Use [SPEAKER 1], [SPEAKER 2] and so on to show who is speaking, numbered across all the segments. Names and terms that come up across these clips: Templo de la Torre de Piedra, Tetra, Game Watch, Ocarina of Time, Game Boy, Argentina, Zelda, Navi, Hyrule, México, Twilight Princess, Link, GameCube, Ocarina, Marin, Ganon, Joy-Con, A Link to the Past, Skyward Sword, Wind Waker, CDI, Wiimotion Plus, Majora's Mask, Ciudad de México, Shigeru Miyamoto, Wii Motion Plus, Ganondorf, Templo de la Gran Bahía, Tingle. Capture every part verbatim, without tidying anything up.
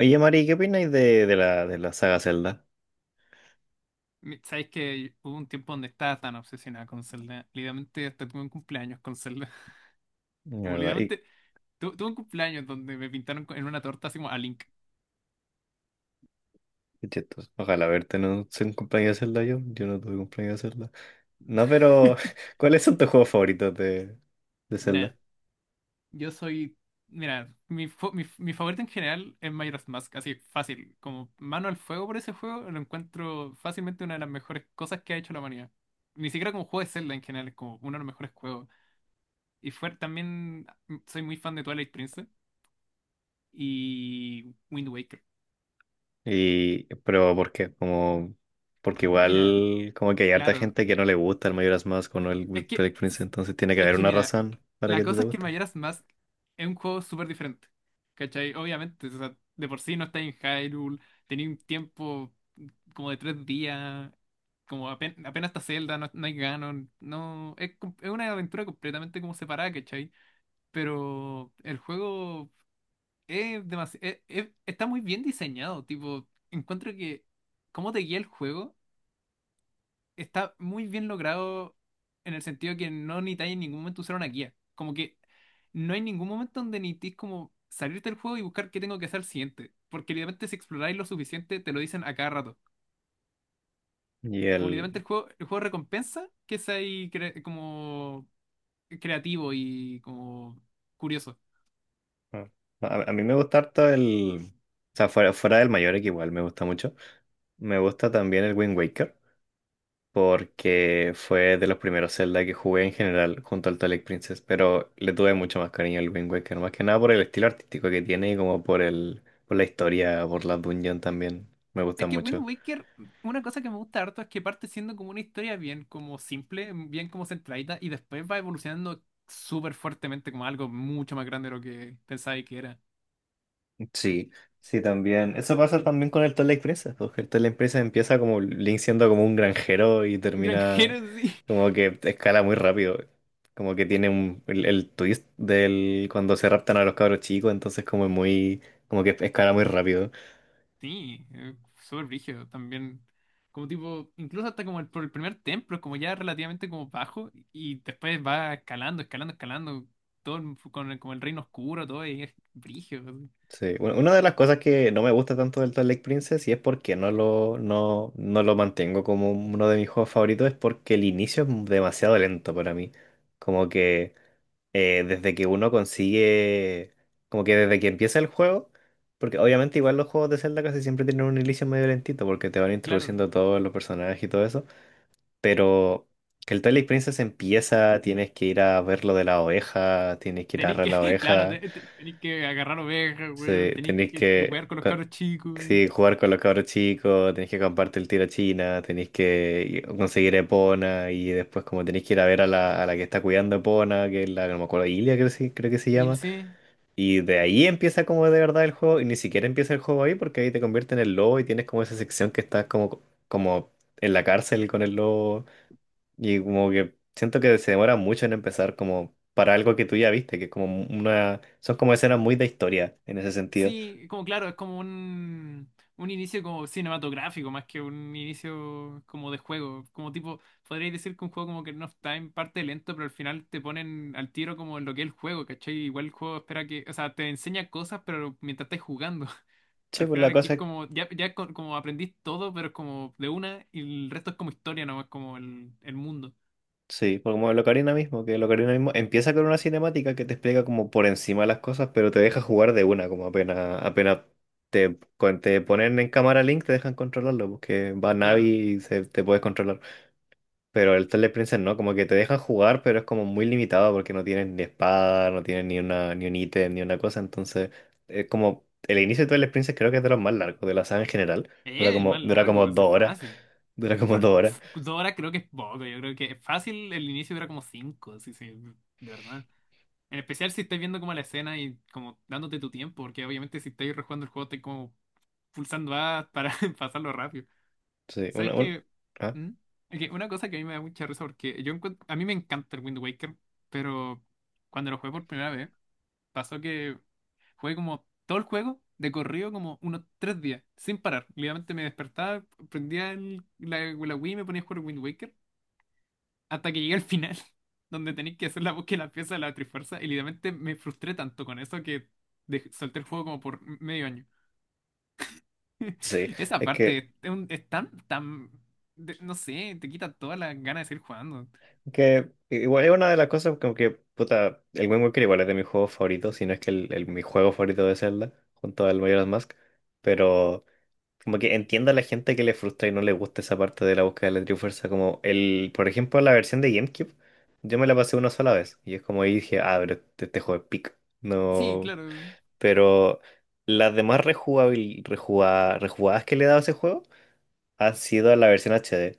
[SPEAKER 1] Oye, Mari, ¿qué opináis de, de la, de la saga Zelda?
[SPEAKER 2] Mi- Sabes que hubo un tiempo donde estaba tan obsesionada con Zelda. Literalmente hasta tuve un cumpleaños con Zelda.
[SPEAKER 1] La
[SPEAKER 2] Como
[SPEAKER 1] verdad, y
[SPEAKER 2] literalmente tu- tuve un cumpleaños donde me pintaron con- en una torta así como a Link.
[SPEAKER 1] qué chistoso. Ojalá verte en un, en un cumpleaños de Zelda yo. Yo no tuve cumpleaños de Zelda. No, pero ¿cuáles son tus juegos favoritos de, de Zelda?
[SPEAKER 2] Mira, yo soy. Mira, mi, fa- mi, mi favorito en general es Majora's Mask, así fácil. Como mano al fuego por ese juego, lo encuentro fácilmente una de las mejores cosas que ha hecho la humanidad. Ni siquiera como juego de Zelda en general, es como uno de los mejores juegos. Y fue, también soy muy fan de Twilight Princess y Wind Waker.
[SPEAKER 1] Y, pero ¿por qué? Como, porque
[SPEAKER 2] Mira,
[SPEAKER 1] igual como que hay harta
[SPEAKER 2] claro.
[SPEAKER 1] gente que no le gusta el Majora's Mask o no el
[SPEAKER 2] Es
[SPEAKER 1] Wind
[SPEAKER 2] que,
[SPEAKER 1] Waker Prince, entonces tiene que
[SPEAKER 2] es
[SPEAKER 1] haber
[SPEAKER 2] que
[SPEAKER 1] una
[SPEAKER 2] mira,
[SPEAKER 1] razón para que
[SPEAKER 2] la
[SPEAKER 1] a ti te
[SPEAKER 2] cosa es que el
[SPEAKER 1] guste.
[SPEAKER 2] Majora's Mask es un juego súper diferente, ¿cachai? Obviamente, o sea, de por sí no está en Hyrule, tenía un tiempo, mm, como de tres días, como apen- apenas, está Zelda, no, no hay Ganon, no, es, com- es una aventura completamente como separada, ¿cachai? Pero el juego es demasi- es- es- está muy bien diseñado, tipo, encuentro que cómo te guía el juego está muy bien logrado en el sentido que no necesitáis en ningún momento usar una guía. Como que no hay ningún momento donde necesitéis como salirte del juego y buscar qué tengo que hacer al siguiente. Porque literalmente si exploráis lo suficiente, te lo dicen a cada rato.
[SPEAKER 1] Y
[SPEAKER 2] Como
[SPEAKER 1] el...
[SPEAKER 2] literalmente el juego, el juego recompensa que seáis cre- como creativo y como curioso.
[SPEAKER 1] ah, A, a mí me gusta harto el... O sea, fuera, fuera del Mayor que igual me gusta mucho. Me gusta también el Wind Waker, porque fue de los primeros Zelda que jugué en general junto al Twilight Princess, pero le tuve mucho más cariño al Wind Waker, más que nada por el estilo artístico que tiene y como por el, por la historia, por la dungeon también, me gusta
[SPEAKER 2] Es que Wind
[SPEAKER 1] mucho.
[SPEAKER 2] Waker, una cosa que me gusta harto es que parte siendo como una historia bien como simple, bien como centradita, y después va evolucionando súper fuertemente como algo mucho más grande de lo que pensaba que era.
[SPEAKER 1] Sí, sí, también. Eso pasa también con el Twilight Princess, porque el Twilight Princess empieza como Link siendo como un granjero y termina
[SPEAKER 2] Granjero, sí.
[SPEAKER 1] como que escala muy rápido. Como que tiene un, el, el twist del cuando se raptan a los cabros chicos, entonces como es muy, como que escala muy rápido.
[SPEAKER 2] Sí, eh, súper brígido también. Como tipo, incluso hasta como el, por el primer templo, es como ya relativamente como bajo, y después va escalando, escalando, escalando, todo el- con el, como el reino oscuro, todo, y es brígido.
[SPEAKER 1] Sí, u- una de las cosas que no me gusta tanto del Twilight Princess y es porque no lo, no, no lo mantengo como uno de mis juegos favoritos es porque el inicio es demasiado lento para mí. Como que eh, desde que uno consigue, como que desde que empieza el juego, porque obviamente igual los juegos de Zelda casi siempre tienen un inicio medio lentito porque te van
[SPEAKER 2] Claro.
[SPEAKER 1] introduciendo todos los personajes y todo eso, pero que el Twilight Princess empieza, tienes que ir a ver lo de la oveja, tienes que ir a
[SPEAKER 2] Tenéis
[SPEAKER 1] agarrar
[SPEAKER 2] que,
[SPEAKER 1] la
[SPEAKER 2] claro,
[SPEAKER 1] oveja.
[SPEAKER 2] te- te- tenéis que agarrar ovejas,
[SPEAKER 1] Sí,
[SPEAKER 2] weón, tenéis
[SPEAKER 1] tenéis
[SPEAKER 2] que
[SPEAKER 1] que
[SPEAKER 2] jugar con los
[SPEAKER 1] co-
[SPEAKER 2] carros chicos.
[SPEAKER 1] sí, jugar con los cabros chicos, tenéis que compartir el tiro a China, tenéis que conseguir Epona y después como tenéis que ir a ver a la, a la que está cuidando Epona, que es la, no me acuerdo, Ilia creo, sí- creo que se
[SPEAKER 2] Y no
[SPEAKER 1] llama.
[SPEAKER 2] sé,
[SPEAKER 1] Y de ahí empieza como de verdad el juego y ni siquiera empieza el juego ahí porque ahí te convierte en el lobo y tienes como esa sección que estás como, como en la cárcel con el lobo y como que siento que se demora mucho en empezar como para algo que tú ya viste, que es como una... Son como escenas muy de historia en ese sentido.
[SPEAKER 2] sí, como claro, es como un, un inicio como cinematográfico, más que un inicio como de juego. Como tipo, podríais decir que un juego como que no está en parte lento, pero al final te ponen al tiro como en lo que es el juego, ¿cachai? Igual el juego espera que, o sea, te enseña cosas, pero mientras estás jugando.
[SPEAKER 1] Sí,
[SPEAKER 2] Al
[SPEAKER 1] pues
[SPEAKER 2] final
[SPEAKER 1] la
[SPEAKER 2] aquí
[SPEAKER 1] cosa,
[SPEAKER 2] es
[SPEAKER 1] es,
[SPEAKER 2] como, ya, ya co- como aprendís todo, pero es como de una, y el resto es como historia nomás, como el, el mundo.
[SPEAKER 1] sí, pues como el Ocarina mismo, que el Ocarina mismo empieza con una cinemática que te explica como por encima las cosas, pero te deja jugar de una, como apenas, apenas te, con- te ponen en cámara Link, te dejan controlarlo, porque va Navi
[SPEAKER 2] Claro.
[SPEAKER 1] y se, te puedes controlar. Pero el Twilight Princess no, como que te dejan jugar, pero es como muy limitado porque no tienes ni espada, no tienes ni una, ni un ítem, ni una cosa, entonces es como el inicio de Twilight Princess creo que es de los más largos de la saga en general, dura
[SPEAKER 2] Eh, el
[SPEAKER 1] como,
[SPEAKER 2] más
[SPEAKER 1] dura como
[SPEAKER 2] largo, así
[SPEAKER 1] dos horas,
[SPEAKER 2] fácil.
[SPEAKER 1] dura como
[SPEAKER 2] Fa-
[SPEAKER 1] dos horas,
[SPEAKER 2] pf, dos horas creo que es poco, yo creo que es fácil el inicio dura como cinco, sí, sí, de verdad. En especial si estás viendo como la escena y como dándote tu tiempo, porque obviamente si estás rejugando el juego estás como pulsando A para pasarlo rápido.
[SPEAKER 1] sí, una,
[SPEAKER 2] ¿Sabes
[SPEAKER 1] un,
[SPEAKER 2] qué?
[SPEAKER 1] ¿ah?
[SPEAKER 2] ¿Mm? Es que una cosa que a mí me da mucha risa porque yo encuent- a mí me encanta el Wind Waker, pero cuando lo jugué por primera vez, pasó que jugué como todo el juego de corrido como unos tres días, sin parar. Literalmente me despertaba, prendía el- la, la Wii y me ponía a jugar Wind Waker hasta que llegué al final, donde tenéis que hacer la búsqueda de la pieza de la Trifuerza. Y literalmente me frustré tanto con eso que dej- solté el juego como por medio año.
[SPEAKER 1] Sí,
[SPEAKER 2] Esa
[SPEAKER 1] es que,
[SPEAKER 2] parte es, un- es tan, tan, de- no sé, te quita todas las ganas de seguir jugando.
[SPEAKER 1] que igual es una de las cosas como que, puta, el Wind Waker igual es de mis juegos favoritos, si no es que el, el- mi juego favorito de Zelda, junto al Majora's Mask, pero como que entiendo a la gente que le frustra y no le gusta esa parte de la búsqueda de la Trifuerza, como el, por ejemplo, la versión de GameCube, yo me la pasé una sola vez, y es como ahí dije, ah, pero este, este juego es pic,
[SPEAKER 2] Sí,
[SPEAKER 1] no,
[SPEAKER 2] claro.
[SPEAKER 1] pero las demás rejugabil, rejuga- rejugadas que le he dado a ese juego, ha sido la versión H D.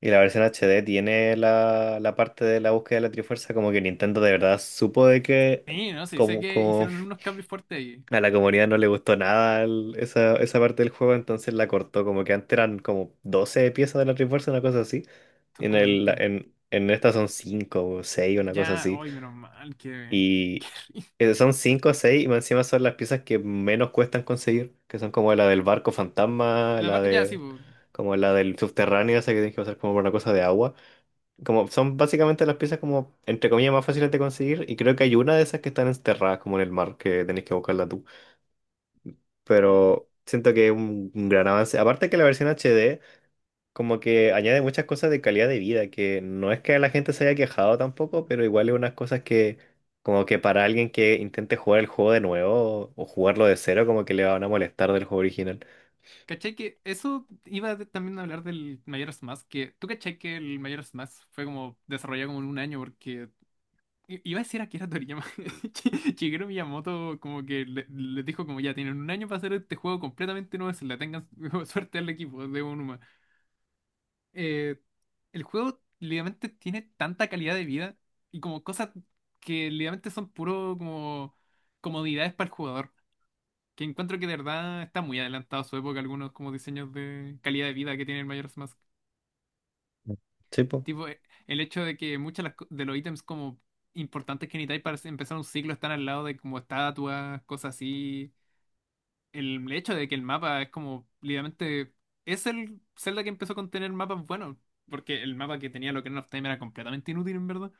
[SPEAKER 1] Y la versión H D tiene la, la parte de la búsqueda de la Trifuerza, como que Nintendo de verdad supo de que
[SPEAKER 2] Sí, no sé, sé
[SPEAKER 1] como,
[SPEAKER 2] que
[SPEAKER 1] como
[SPEAKER 2] hicieron unos cambios fuertes ahí.
[SPEAKER 1] a la comunidad no le gustó nada el- esa, esa parte del juego, entonces la cortó, como que antes eran como doce piezas de la Trifuerza, una cosa así.
[SPEAKER 2] Son
[SPEAKER 1] En
[SPEAKER 2] como
[SPEAKER 1] el,
[SPEAKER 2] veinte.
[SPEAKER 1] en, en esta son cinco o seis una cosa
[SPEAKER 2] Ya,
[SPEAKER 1] así.
[SPEAKER 2] hoy menos mal que, que, que
[SPEAKER 1] Y eh, son cinco o seis, y más encima son las piezas que menos cuestan conseguir, que son como la del barco fantasma,
[SPEAKER 2] La
[SPEAKER 1] la
[SPEAKER 2] va- ya, sí,
[SPEAKER 1] de
[SPEAKER 2] bu-
[SPEAKER 1] como la del subterráneo, esa que tienes que pasar como por una cosa de agua. Como son básicamente las piezas como entre comillas más fáciles de conseguir, y creo que hay una de esas que están enterradas como en el mar, que tenés que buscarla tú.
[SPEAKER 2] mm.
[SPEAKER 1] Pero siento que es un, un gran avance. Aparte que la versión H D como que añade muchas cosas de calidad de vida, que no es que la gente se haya quejado tampoco, pero igual es unas cosas que como que para alguien que intente jugar el juego de nuevo o jugarlo de cero, como que le van a molestar del juego original.
[SPEAKER 2] ¿Cachai que eso iba de- también a hablar del Majora's Mask? Que, ¿tú cachai que el Majora's Mask fue como desarrollado como en un año? Porque i- iba a decir a Akira Toriyama. Shi- Shigeru Miyamoto como que le- les dijo como ya tienen un año para hacer este juego completamente nuevo, se la tengan suerte al equipo de Onuma. Eh, el juego literalmente tiene tanta calidad de vida y como cosas que literalmente son puro como comodidades para el jugador. Que encuentro que de verdad está muy adelantado a su época algunos como diseños de calidad de vida que tiene el Majora's Mask.
[SPEAKER 1] Sí, pues.
[SPEAKER 2] Tipo, eh, el hecho de que muchos de los ítems como importantes que necesitáis para empezar un ciclo están al lado de como estatuas, cosas así. El hecho de que el mapa es como, literalmente, es el Zelda que empezó con tener mapas buenos. Porque el mapa que tenía lo que of Time era completamente inútil, en verdad.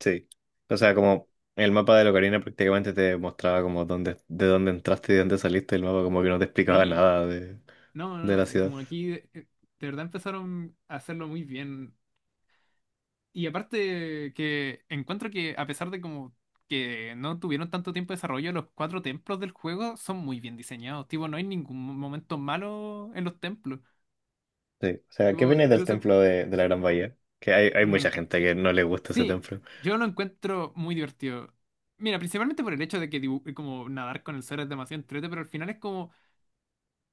[SPEAKER 1] Sí. O sea, como el mapa de la Ocarina prácticamente te mostraba como dónde, de dónde entraste y de dónde saliste, el mapa como que no te explicaba
[SPEAKER 2] Sí.
[SPEAKER 1] nada de,
[SPEAKER 2] No,
[SPEAKER 1] de
[SPEAKER 2] no,
[SPEAKER 1] la
[SPEAKER 2] eh,
[SPEAKER 1] ciudad.
[SPEAKER 2] como aquí, eh, de verdad empezaron a hacerlo muy bien. Y aparte que encuentro que a pesar de como que no tuvieron tanto tiempo de desarrollo, los cuatro templos del juego son muy bien diseñados. Tipo, no hay ningún mo- momento malo en los templos.
[SPEAKER 1] Sí. O sea, ¿qué
[SPEAKER 2] Tipo,
[SPEAKER 1] viene del
[SPEAKER 2] incluso
[SPEAKER 1] templo de, de la Gran Bahía? Que hay, hay
[SPEAKER 2] me
[SPEAKER 1] mucha
[SPEAKER 2] encanta.
[SPEAKER 1] gente que no le gusta ese
[SPEAKER 2] Sí,
[SPEAKER 1] templo.
[SPEAKER 2] yo lo encuentro muy divertido. Mira, principalmente por el hecho de que dibu- como nadar con el suelo es demasiado entrete, pero al final es como.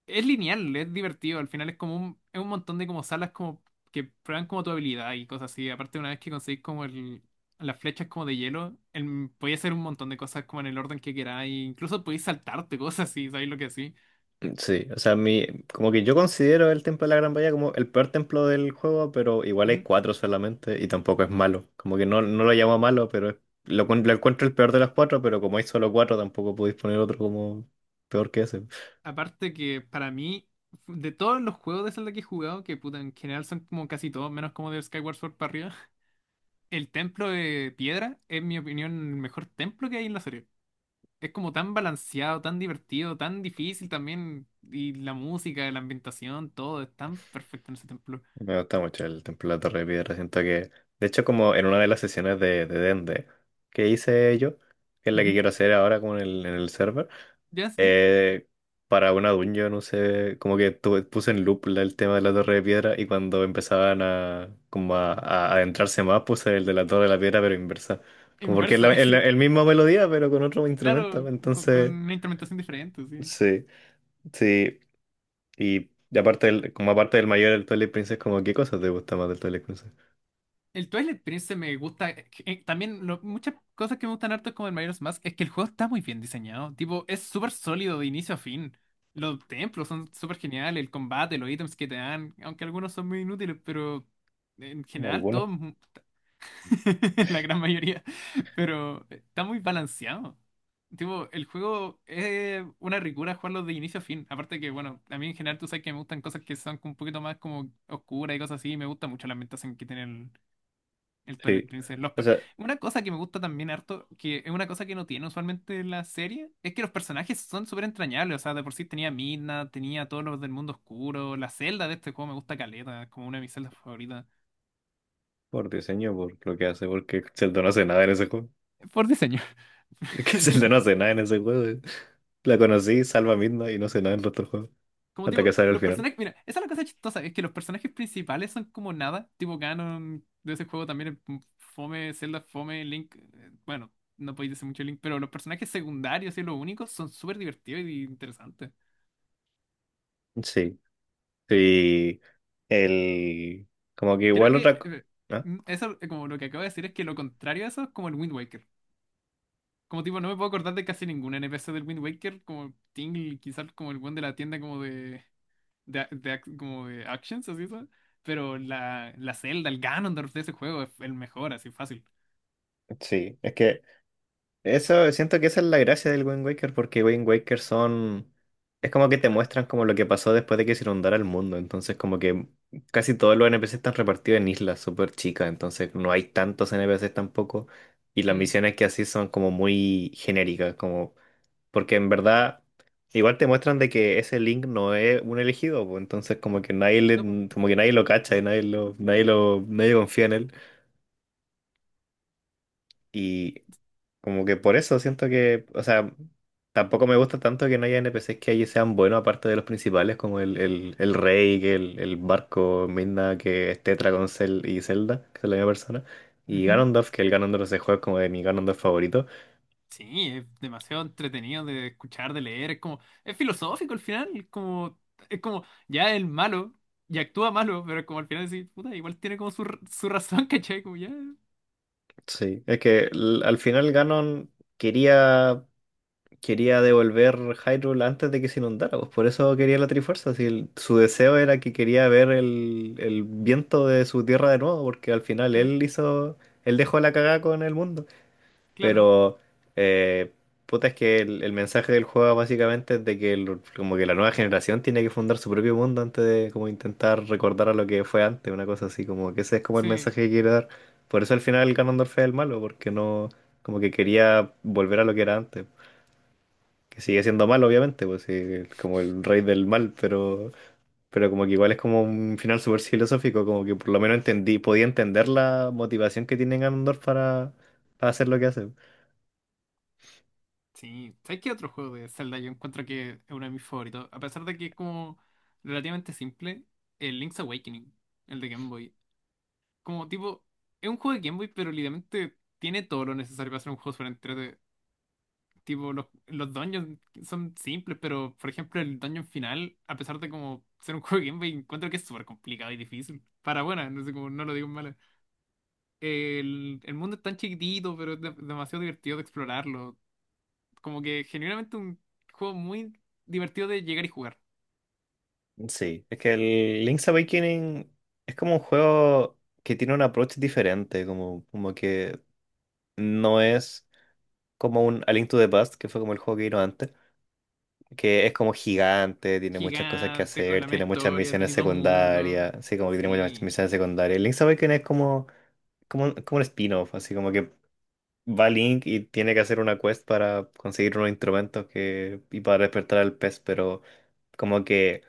[SPEAKER 2] Es lineal, es divertido. Al final es como un, es un montón de como salas como que prueban como tu habilidad y cosas así. Aparte, una vez que conseguís como el, las flechas como de hielo, el, podéis hacer un montón de cosas como en el orden que queráis. Incluso podéis saltarte cosas así, ¿sabéis lo que sí?
[SPEAKER 1] Sí, o sea, mi, como que yo considero el Templo de la Gran Bahía como el peor templo del juego, pero igual hay
[SPEAKER 2] Ujú.
[SPEAKER 1] cuatro solamente y tampoco es malo. Como que no, no lo llamo malo, pero es- lo, cuen- lo encuentro el peor de las cuatro, pero como hay solo cuatro, tampoco podéis poner otro como peor que ese.
[SPEAKER 2] Aparte que para mí, de todos los juegos de Zelda que he jugado, que puta, en general son como casi todos, menos como de Skyward Sword para arriba, el templo de piedra es, en mi opinión, el mejor templo que hay en la serie. Es como tan balanceado, tan divertido, tan difícil también. Y la música, la ambientación, todo es tan perfecto en ese templo.
[SPEAKER 1] Me gusta mucho el Templo de la Torre de Piedra. Siento que, de hecho, como en una de las sesiones de, de Dende que hice yo, que es la que
[SPEAKER 2] Ujú.
[SPEAKER 1] quiero hacer ahora con el, en el server,
[SPEAKER 2] Ya, sí.
[SPEAKER 1] eh, para una dungeon, no sé, como que tuve- puse en loop la- el tema de la Torre de Piedra y cuando empezaban a, como a, a adentrarse más, puse el de la Torre de la Piedra, pero inversa. Como porque es la,
[SPEAKER 2] Inversa,
[SPEAKER 1] es la-
[SPEAKER 2] sí.
[SPEAKER 1] el mismo melodía, pero con otro instrumento.
[SPEAKER 2] Claro, con, con
[SPEAKER 1] Entonces,
[SPEAKER 2] una instrumentación diferente, sí.
[SPEAKER 1] sí, sí. Y, y aparte del, como aparte del mayor del Twilight Princess, como, ¿qué cosas te gusta más del Twilight Princess?
[SPEAKER 2] El Twilight Prince me gusta. Eh, eh, también lo- muchas cosas que me gustan harto como el Majora's Mask es que el juego está muy bien diseñado. Tipo, es súper sólido de inicio a fin. Los templos son súper geniales, el combate, los ítems que te dan, aunque algunos son muy inútiles, pero en general
[SPEAKER 1] Algunos,
[SPEAKER 2] todo la gran mayoría, pero está muy balanceado. Tipo, el juego es una ricura jugarlo de inicio a fin. Aparte que, bueno, a mí en general tú sabes que me gustan cosas que son un poquito más como oscuras y cosas así, y me gusta mucho la ambientación que tiene el, el Twilight
[SPEAKER 1] sí.
[SPEAKER 2] Princess. Los
[SPEAKER 1] O
[SPEAKER 2] pe-
[SPEAKER 1] sea,
[SPEAKER 2] una cosa que me gusta también harto, que es una cosa que no tiene usualmente la serie, es que los personajes son súper entrañables. O sea, de por sí tenía Midna, tenía a todos los del mundo oscuro, la celda de este juego me gusta caleta, es como una de mis celdas favoritas.
[SPEAKER 1] por diseño, por lo que hace, porque Zelda no hace nada en ese juego.
[SPEAKER 2] Por diseño.
[SPEAKER 1] Es que Zelda no hace nada en ese juego. eh. La conocí, salva a y no hace nada en el otro juego.
[SPEAKER 2] Como
[SPEAKER 1] Hasta
[SPEAKER 2] tipo,
[SPEAKER 1] que sale al
[SPEAKER 2] los
[SPEAKER 1] final.
[SPEAKER 2] personajes, mira, esa es la cosa chistosa, es que los personajes principales son como nada, tipo Ganon de ese juego también es fome, Zelda es fome, Link, eh, bueno, no podéis decir mucho Link, pero los personajes secundarios y los únicos son súper divertidos y interesantes.
[SPEAKER 1] Sí. Sí. El. Como que
[SPEAKER 2] Creo
[SPEAKER 1] igual otra.
[SPEAKER 2] que
[SPEAKER 1] co-
[SPEAKER 2] eh,
[SPEAKER 1] ¿Ah?
[SPEAKER 2] eso, eh, como lo que acabo de decir, es que lo contrario a eso es como el Wind Waker. Como tipo, no me puedo acordar de casi ningún N P C del Wind Waker, como Tingle, quizás como el buen de la tienda como de de, ac- de ac- como de actions, así son. Pero la, la Zelda, el Ganondorf de ese juego es el mejor, así fácil.
[SPEAKER 1] Sí. Es que Eso, siento que esa es la gracia del Wind Waker, porque Wind Waker son... Es como que te muestran como lo que pasó después de que se inundara el mundo, entonces como que casi todos los N P Cs están repartidos en islas súper chicas, entonces no hay tantos N P Cs tampoco, y las
[SPEAKER 2] Mm.
[SPEAKER 1] misiones que así son como muy genéricas, como... Porque en verdad igual te muestran de que ese Link no es un elegido, pues, entonces como que nadie
[SPEAKER 2] No, po.
[SPEAKER 1] le- como que nadie lo cacha y nadie lo, nadie lo, nadie confía en él. Y como que por eso siento que, o sea, tampoco me gusta tanto que no haya N P Cs que allí sean buenos, aparte de los principales, como el, el, el rey, que el, el barco, Midna, que es Tetra con Cel y Zelda, que son la misma persona. Y
[SPEAKER 2] Ujú.
[SPEAKER 1] Ganondorf, que el Ganondorf de ese juego es como de mi Ganondorf favorito.
[SPEAKER 2] Sí, es demasiado entretenido de escuchar, de leer, es como, es filosófico al final, es como, es como, ya el malo, y actúa malo, pero es como al final decís, puta, igual tiene como su, r- su razón, ¿cachai? Como ya,
[SPEAKER 1] Sí, es que l- al final Ganon quería quería devolver Hyrule antes de que se inundara, pues por eso quería la Trifuerza. Si el- su deseo era que quería ver el, el viento de su tierra de nuevo, porque al final
[SPEAKER 2] sí,
[SPEAKER 1] él hizo, él dejó la cagada con el mundo.
[SPEAKER 2] claro,
[SPEAKER 1] Pero, eh, puta, es que el, el mensaje del juego básicamente es de que el- como que la nueva generación tiene que fundar su propio mundo antes de como intentar recordar a lo que fue antes, una cosa así, como que ese es como el
[SPEAKER 2] sí,
[SPEAKER 1] mensaje que quiere dar. Por eso al final Ganondorf es el malo, porque no, como que quería volver a lo que era antes que sigue siendo mal, obviamente, pues sí, es como el rey del mal, pero, pero como que igual es como un final súper filosófico, como que por lo menos entendí, podía entender la motivación que tiene Ganondorf para, para hacer lo que hace.
[SPEAKER 2] sí. ¿Sabes qué otro juego de Zelda yo encuentro que es uno de mis favoritos? A pesar de que es como relativamente simple, el Link's Awakening, el de Game Boy. Como tipo, es un juego de Game Boy, pero literalmente tiene todo lo necesario para ser un juego súper entrete. Tipo, los, los dungeons son simples, pero por ejemplo, el dungeon final, a pesar de como ser un juego de Game Boy, encuentro que es súper complicado y difícil. Para buena, no sé cómo, no lo digo en mala. El, el mundo es tan chiquitito, pero es de- demasiado divertido de explorarlo. Como que genuinamente un juego muy divertido de llegar y jugar.
[SPEAKER 1] Sí, es que el Link's Awakening es como un juego que tiene un approach diferente, como, como que no es como un A Link to the Past, que fue como el juego que vino antes, que es como gigante, tiene muchas cosas que
[SPEAKER 2] Gigante, con
[SPEAKER 1] hacer,
[SPEAKER 2] la misma
[SPEAKER 1] tiene muchas
[SPEAKER 2] historia,
[SPEAKER 1] misiones
[SPEAKER 2] tenéis dos mundos.
[SPEAKER 1] secundarias, sí, como que tiene muchas
[SPEAKER 2] Sí.
[SPEAKER 1] misiones secundarias. El Link's Awakening es como como, un- como un spin-off, así como que va Link y tiene que hacer una quest para conseguir unos instrumentos que, y para despertar al pez, pero como que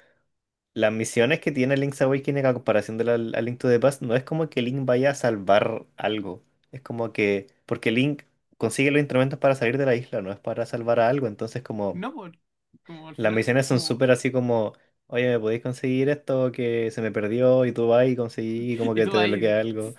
[SPEAKER 1] las misiones que tiene Link's Awakening a comparación de la, a Link to the Past no es como que Link vaya a salvar algo, es como que, porque Link consigue los instrumentos para salir de la isla, no es para salvar a algo, entonces como
[SPEAKER 2] No, por como al
[SPEAKER 1] las
[SPEAKER 2] final,
[SPEAKER 1] misiones son súper
[SPEAKER 2] como
[SPEAKER 1] así como... Oye, ¿me podéis conseguir esto que se me perdió? Y tú vas y conseguí, y como
[SPEAKER 2] Y
[SPEAKER 1] que
[SPEAKER 2] tú
[SPEAKER 1] te
[SPEAKER 2] vas ahí.
[SPEAKER 1] desbloquea algo.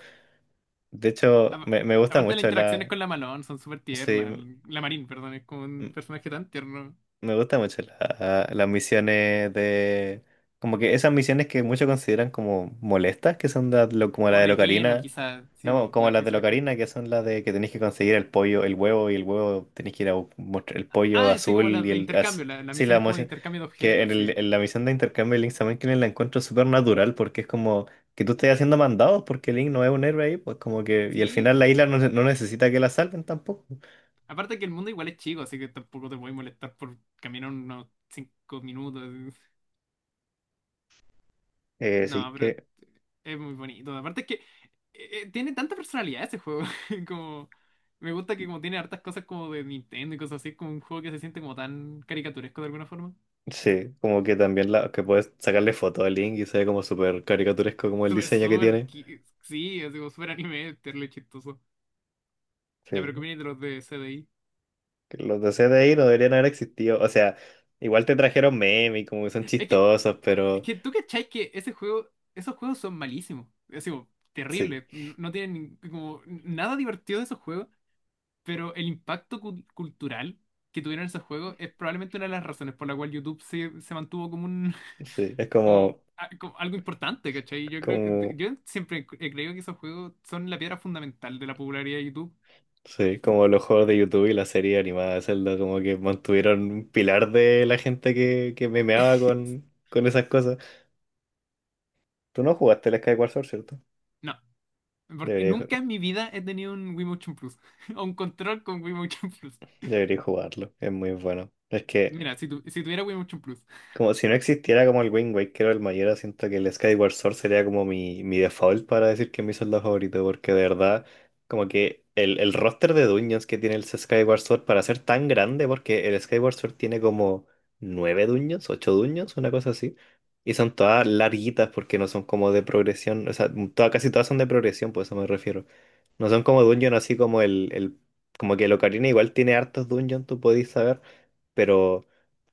[SPEAKER 1] De hecho,
[SPEAKER 2] a-
[SPEAKER 1] me, me gusta
[SPEAKER 2] Aparte de las
[SPEAKER 1] mucho
[SPEAKER 2] interacciones
[SPEAKER 1] la,
[SPEAKER 2] con la Malone, son súper
[SPEAKER 1] sí,
[SPEAKER 2] tiernas.
[SPEAKER 1] m-
[SPEAKER 2] La Marín, perdón, es como un
[SPEAKER 1] m-
[SPEAKER 2] personaje tan tierno.
[SPEAKER 1] me gusta mucho la- las misiones de... Como que esas misiones que muchos consideran como molestas, que son las lo- como
[SPEAKER 2] O
[SPEAKER 1] la de
[SPEAKER 2] relleno,
[SPEAKER 1] Locarina,
[SPEAKER 2] quizás. Sí,
[SPEAKER 1] no,
[SPEAKER 2] po,
[SPEAKER 1] como
[SPEAKER 2] las
[SPEAKER 1] las de
[SPEAKER 2] misiones. como-
[SPEAKER 1] Locarina, que son las de que tenéis que conseguir el pollo, el huevo, y el huevo tenéis que ir a bu- mostrar el pollo
[SPEAKER 2] Ah, sí,
[SPEAKER 1] azul
[SPEAKER 2] como las
[SPEAKER 1] y
[SPEAKER 2] de
[SPEAKER 1] el... az-
[SPEAKER 2] intercambio. La- las
[SPEAKER 1] sí, la
[SPEAKER 2] misiones como de
[SPEAKER 1] misión...
[SPEAKER 2] intercambio de
[SPEAKER 1] Que en,
[SPEAKER 2] objetos, sí.
[SPEAKER 1] el- en la misión de intercambio de Link también que la encuentro súper natural, porque es como que tú estés haciendo mandados, porque Link no es un héroe ahí, pues como que... Y al
[SPEAKER 2] Sí,
[SPEAKER 1] final la isla
[SPEAKER 2] po.
[SPEAKER 1] no, no necesita que la salven tampoco.
[SPEAKER 2] Aparte que el mundo igual es chico, así que tampoco te voy a molestar por caminar unos cinco minutos.
[SPEAKER 1] Eh, sí,
[SPEAKER 2] No, pero
[SPEAKER 1] que...
[SPEAKER 2] es muy bonito. Aparte es que eh, eh, tiene tanta personalidad ese juego. Como me gusta que como tiene hartas cosas como de Nintendo y cosas así, es como un juego que se siente como tan caricaturesco de alguna forma.
[SPEAKER 1] Sí, como que también la, que puedes sacarle foto al Link y se ve como súper caricaturesco como el
[SPEAKER 2] Súper,
[SPEAKER 1] diseño que
[SPEAKER 2] súper,
[SPEAKER 1] tiene.
[SPEAKER 2] qui- sí, es como súper anime, terrible chistoso. Ya, pero ¿qué
[SPEAKER 1] Sí,
[SPEAKER 2] opinas de los de C D I?
[SPEAKER 1] que los de C CDI no deberían haber existido. O sea, igual te trajeron memes y como que son
[SPEAKER 2] Es que,
[SPEAKER 1] chistosos,
[SPEAKER 2] es
[SPEAKER 1] pero
[SPEAKER 2] que tú cachai que ese juego, esos juegos son malísimos. Es como
[SPEAKER 1] sí,
[SPEAKER 2] terrible. No no tienen ni- como nada divertido de esos juegos. Pero el impacto cul- cultural que tuvieron esos juegos es probablemente una de las razones por la cual YouTube se, se mantuvo como un
[SPEAKER 1] sí, es
[SPEAKER 2] como,
[SPEAKER 1] como,
[SPEAKER 2] a- como algo importante, ¿cachai? Yo creo,
[SPEAKER 1] como,
[SPEAKER 2] yo siempre he creído que esos juegos son la piedra fundamental de la popularidad de YouTube.
[SPEAKER 1] sí, como los juegos de YouTube y la serie animada de Zelda, como que mantuvieron un pilar de la gente que, que memeaba con, con esas cosas. Tú no jugaste el Skyward Sword, ¿cierto?
[SPEAKER 2] No, porque
[SPEAKER 1] Debería,
[SPEAKER 2] nunca en mi vida he tenido un Wiimotion Plus o un control con Wiimotion Plus.
[SPEAKER 1] debería jugarlo, es muy bueno. Es que
[SPEAKER 2] Mira, si, tu- si tuviera Wiimotion Plus.
[SPEAKER 1] como si no existiera como el Wind Waker o el Majora, siento que el Skyward Sword sería como mi, mi default para decir que es mi soldado favorito, porque de verdad, como que el, el roster de dungeons que tiene el Skyward Sword para ser tan grande, porque el Skyward Sword tiene como nueve dungeons, ocho dungeons, una cosa así, y son todas larguitas porque no son como de progresión, o sea, todas, casi todas son de progresión, por eso me refiero. No son como dungeons así como el, el como que el Ocarina igual tiene hartos dungeons, tú podís saber, pero...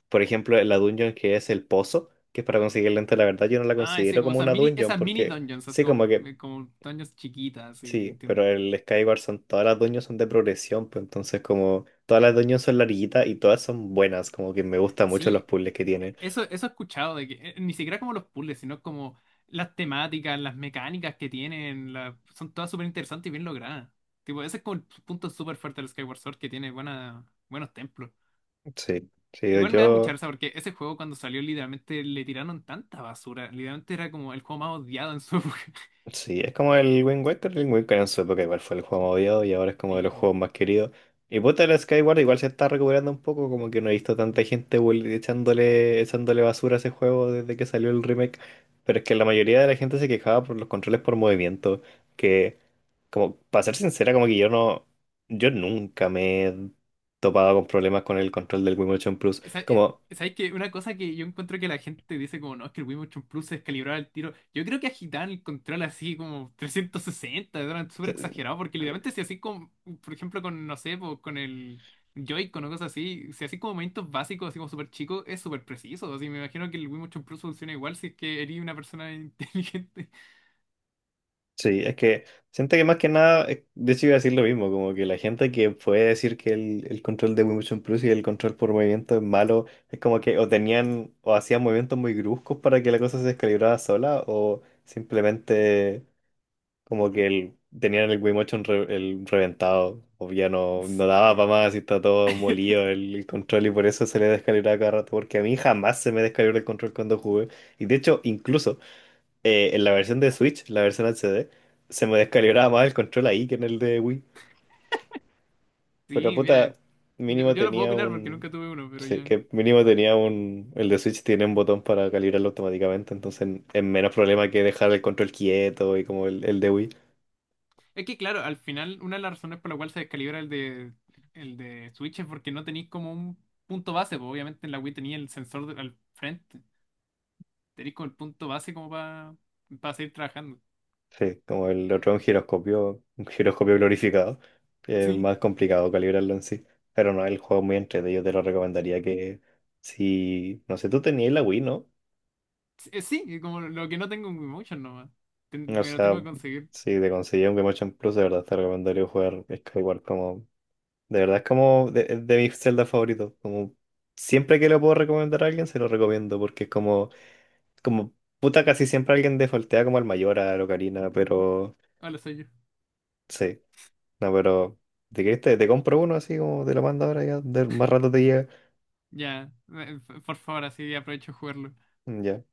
[SPEAKER 1] Por ejemplo, la dungeon que es el pozo, que es para conseguir el lente de la verdad, yo no la
[SPEAKER 2] Ah, sí,
[SPEAKER 1] considero
[SPEAKER 2] como
[SPEAKER 1] como
[SPEAKER 2] esas
[SPEAKER 1] una
[SPEAKER 2] mini,
[SPEAKER 1] dungeon
[SPEAKER 2] esas mini
[SPEAKER 1] porque
[SPEAKER 2] dungeons, así
[SPEAKER 1] sí,
[SPEAKER 2] como,
[SPEAKER 1] como que
[SPEAKER 2] como dungeons chiquitas, sí,
[SPEAKER 1] sí, pero
[SPEAKER 2] entiendo.
[SPEAKER 1] el Skyward son todas las dungeons son de progresión, pues entonces como todas las dungeons son larguitas y todas son buenas, como que me gustan mucho los
[SPEAKER 2] Sí.
[SPEAKER 1] puzzles que tienen.
[SPEAKER 2] Eso, eso he escuchado, de que eh, ni siquiera como los puzzles, sino como las temáticas, las mecánicas que tienen, la- son todas súper interesantes y bien logradas. Tipo, ese es como el punto súper fuerte del Skyward Sword, que tiene buena, buenos templos.
[SPEAKER 1] Sí, sí,
[SPEAKER 2] Igual me da mucha
[SPEAKER 1] yo
[SPEAKER 2] risa porque ese juego cuando salió literalmente le tiraron tanta basura. Literalmente era como el juego más odiado en su época.
[SPEAKER 1] sí, es como el Wind Waker. El Wind Waker en su época igual fue el juego más odiado y ahora es como de
[SPEAKER 2] Sí.
[SPEAKER 1] los juegos más queridos. Y puta, el Skyward igual se está recuperando un poco, como que no he visto tanta gente vol- echándole, echándole basura a ese juego desde que salió el remake. Pero es que la mayoría de la gente se quejaba por los controles por movimiento, que, como, para ser sincera, como que yo no, yo nunca me he topado con problemas con el control del Wii Motion Plus.
[SPEAKER 2] Sa- eh,
[SPEAKER 1] Como,
[SPEAKER 2] ¿Sabes qué? Una cosa que yo encuentro que la gente dice como, no, es que el Wii Motion Plus se descalibraba el tiro. Yo creo que agitaban el control así como trescientos sesenta eran súper exagerado porque literalmente si así como, por ejemplo, con, no sé, po, con el Joy-Con o cosas así, si así como movimientos básicos, así como súper chicos, es súper preciso. Así me imagino que el Wii Motion Plus funciona igual si es que eres una persona inteligente.
[SPEAKER 1] sí, es que siento que más que nada, eh, de hecho iba a decir lo mismo, como que la gente que puede decir que el, el control de Wii Motion Plus y el control por movimiento es malo, es como que o tenían o hacían movimientos muy bruscos para que la cosa se descalibrara sola o simplemente como que el- tenían el Wii Motion re- el reventado, o ya no, no daba para
[SPEAKER 2] Sí,
[SPEAKER 1] más y está todo molido el, el control y por eso se le descalibraba cada rato, porque a mí jamás se me descalibró el control cuando jugué. Y de hecho, incluso eh, en la versión de Switch, la versión H D, se me descalibraba más el control ahí que en el de Wii. Pero
[SPEAKER 2] sí, mira,
[SPEAKER 1] puta,
[SPEAKER 2] yo,
[SPEAKER 1] mínimo
[SPEAKER 2] yo no puedo
[SPEAKER 1] tenía
[SPEAKER 2] opinar porque
[SPEAKER 1] un...
[SPEAKER 2] nunca tuve uno, pero
[SPEAKER 1] Sí,
[SPEAKER 2] ya.
[SPEAKER 1] que mínimo tenía un... El de Switch tiene un botón para calibrarlo automáticamente, entonces es menos problema que dejar el control quieto y como el, el de Wii.
[SPEAKER 2] Es que claro, al final una de las razones por la cual se descalibra el de, el de Switch es porque no tenéis como un punto base, pues obviamente en la Wii tenía el sensor de- al frente, tenéis como el punto base como para seguir trabajando.
[SPEAKER 1] Sí, como el otro es un giroscopio, un giroscopio glorificado. Es
[SPEAKER 2] Sí,
[SPEAKER 1] más complicado calibrarlo en sí. Pero no, el juego es muy entretenido, yo te lo recomendaría que... Si... No sé, tú tenías la Wii, ¿no?
[SPEAKER 2] sí, sí, como lo que no tengo en Wii Motion nomás, Ten-
[SPEAKER 1] O
[SPEAKER 2] me lo tengo
[SPEAKER 1] sea,
[SPEAKER 2] que conseguir.
[SPEAKER 1] si te conseguí un Game Watch en Plus, de verdad te recomendaría jugar Skyward como... De verdad es como de, de mis Zelda favoritos. Como siempre que lo puedo recomendar a alguien, se lo recomiendo, porque es como... Como puta, casi siempre alguien defaultea como al mayor, a la Ocarina, pero...
[SPEAKER 2] Hola, soy yo.
[SPEAKER 1] Sí, no, pero... ¿De qué te, te compro uno así como te lo mando ahora ya? De- más rato te llega.
[SPEAKER 2] Ya, eh, por favor, así aprovecho de jugarlo.
[SPEAKER 1] Ya.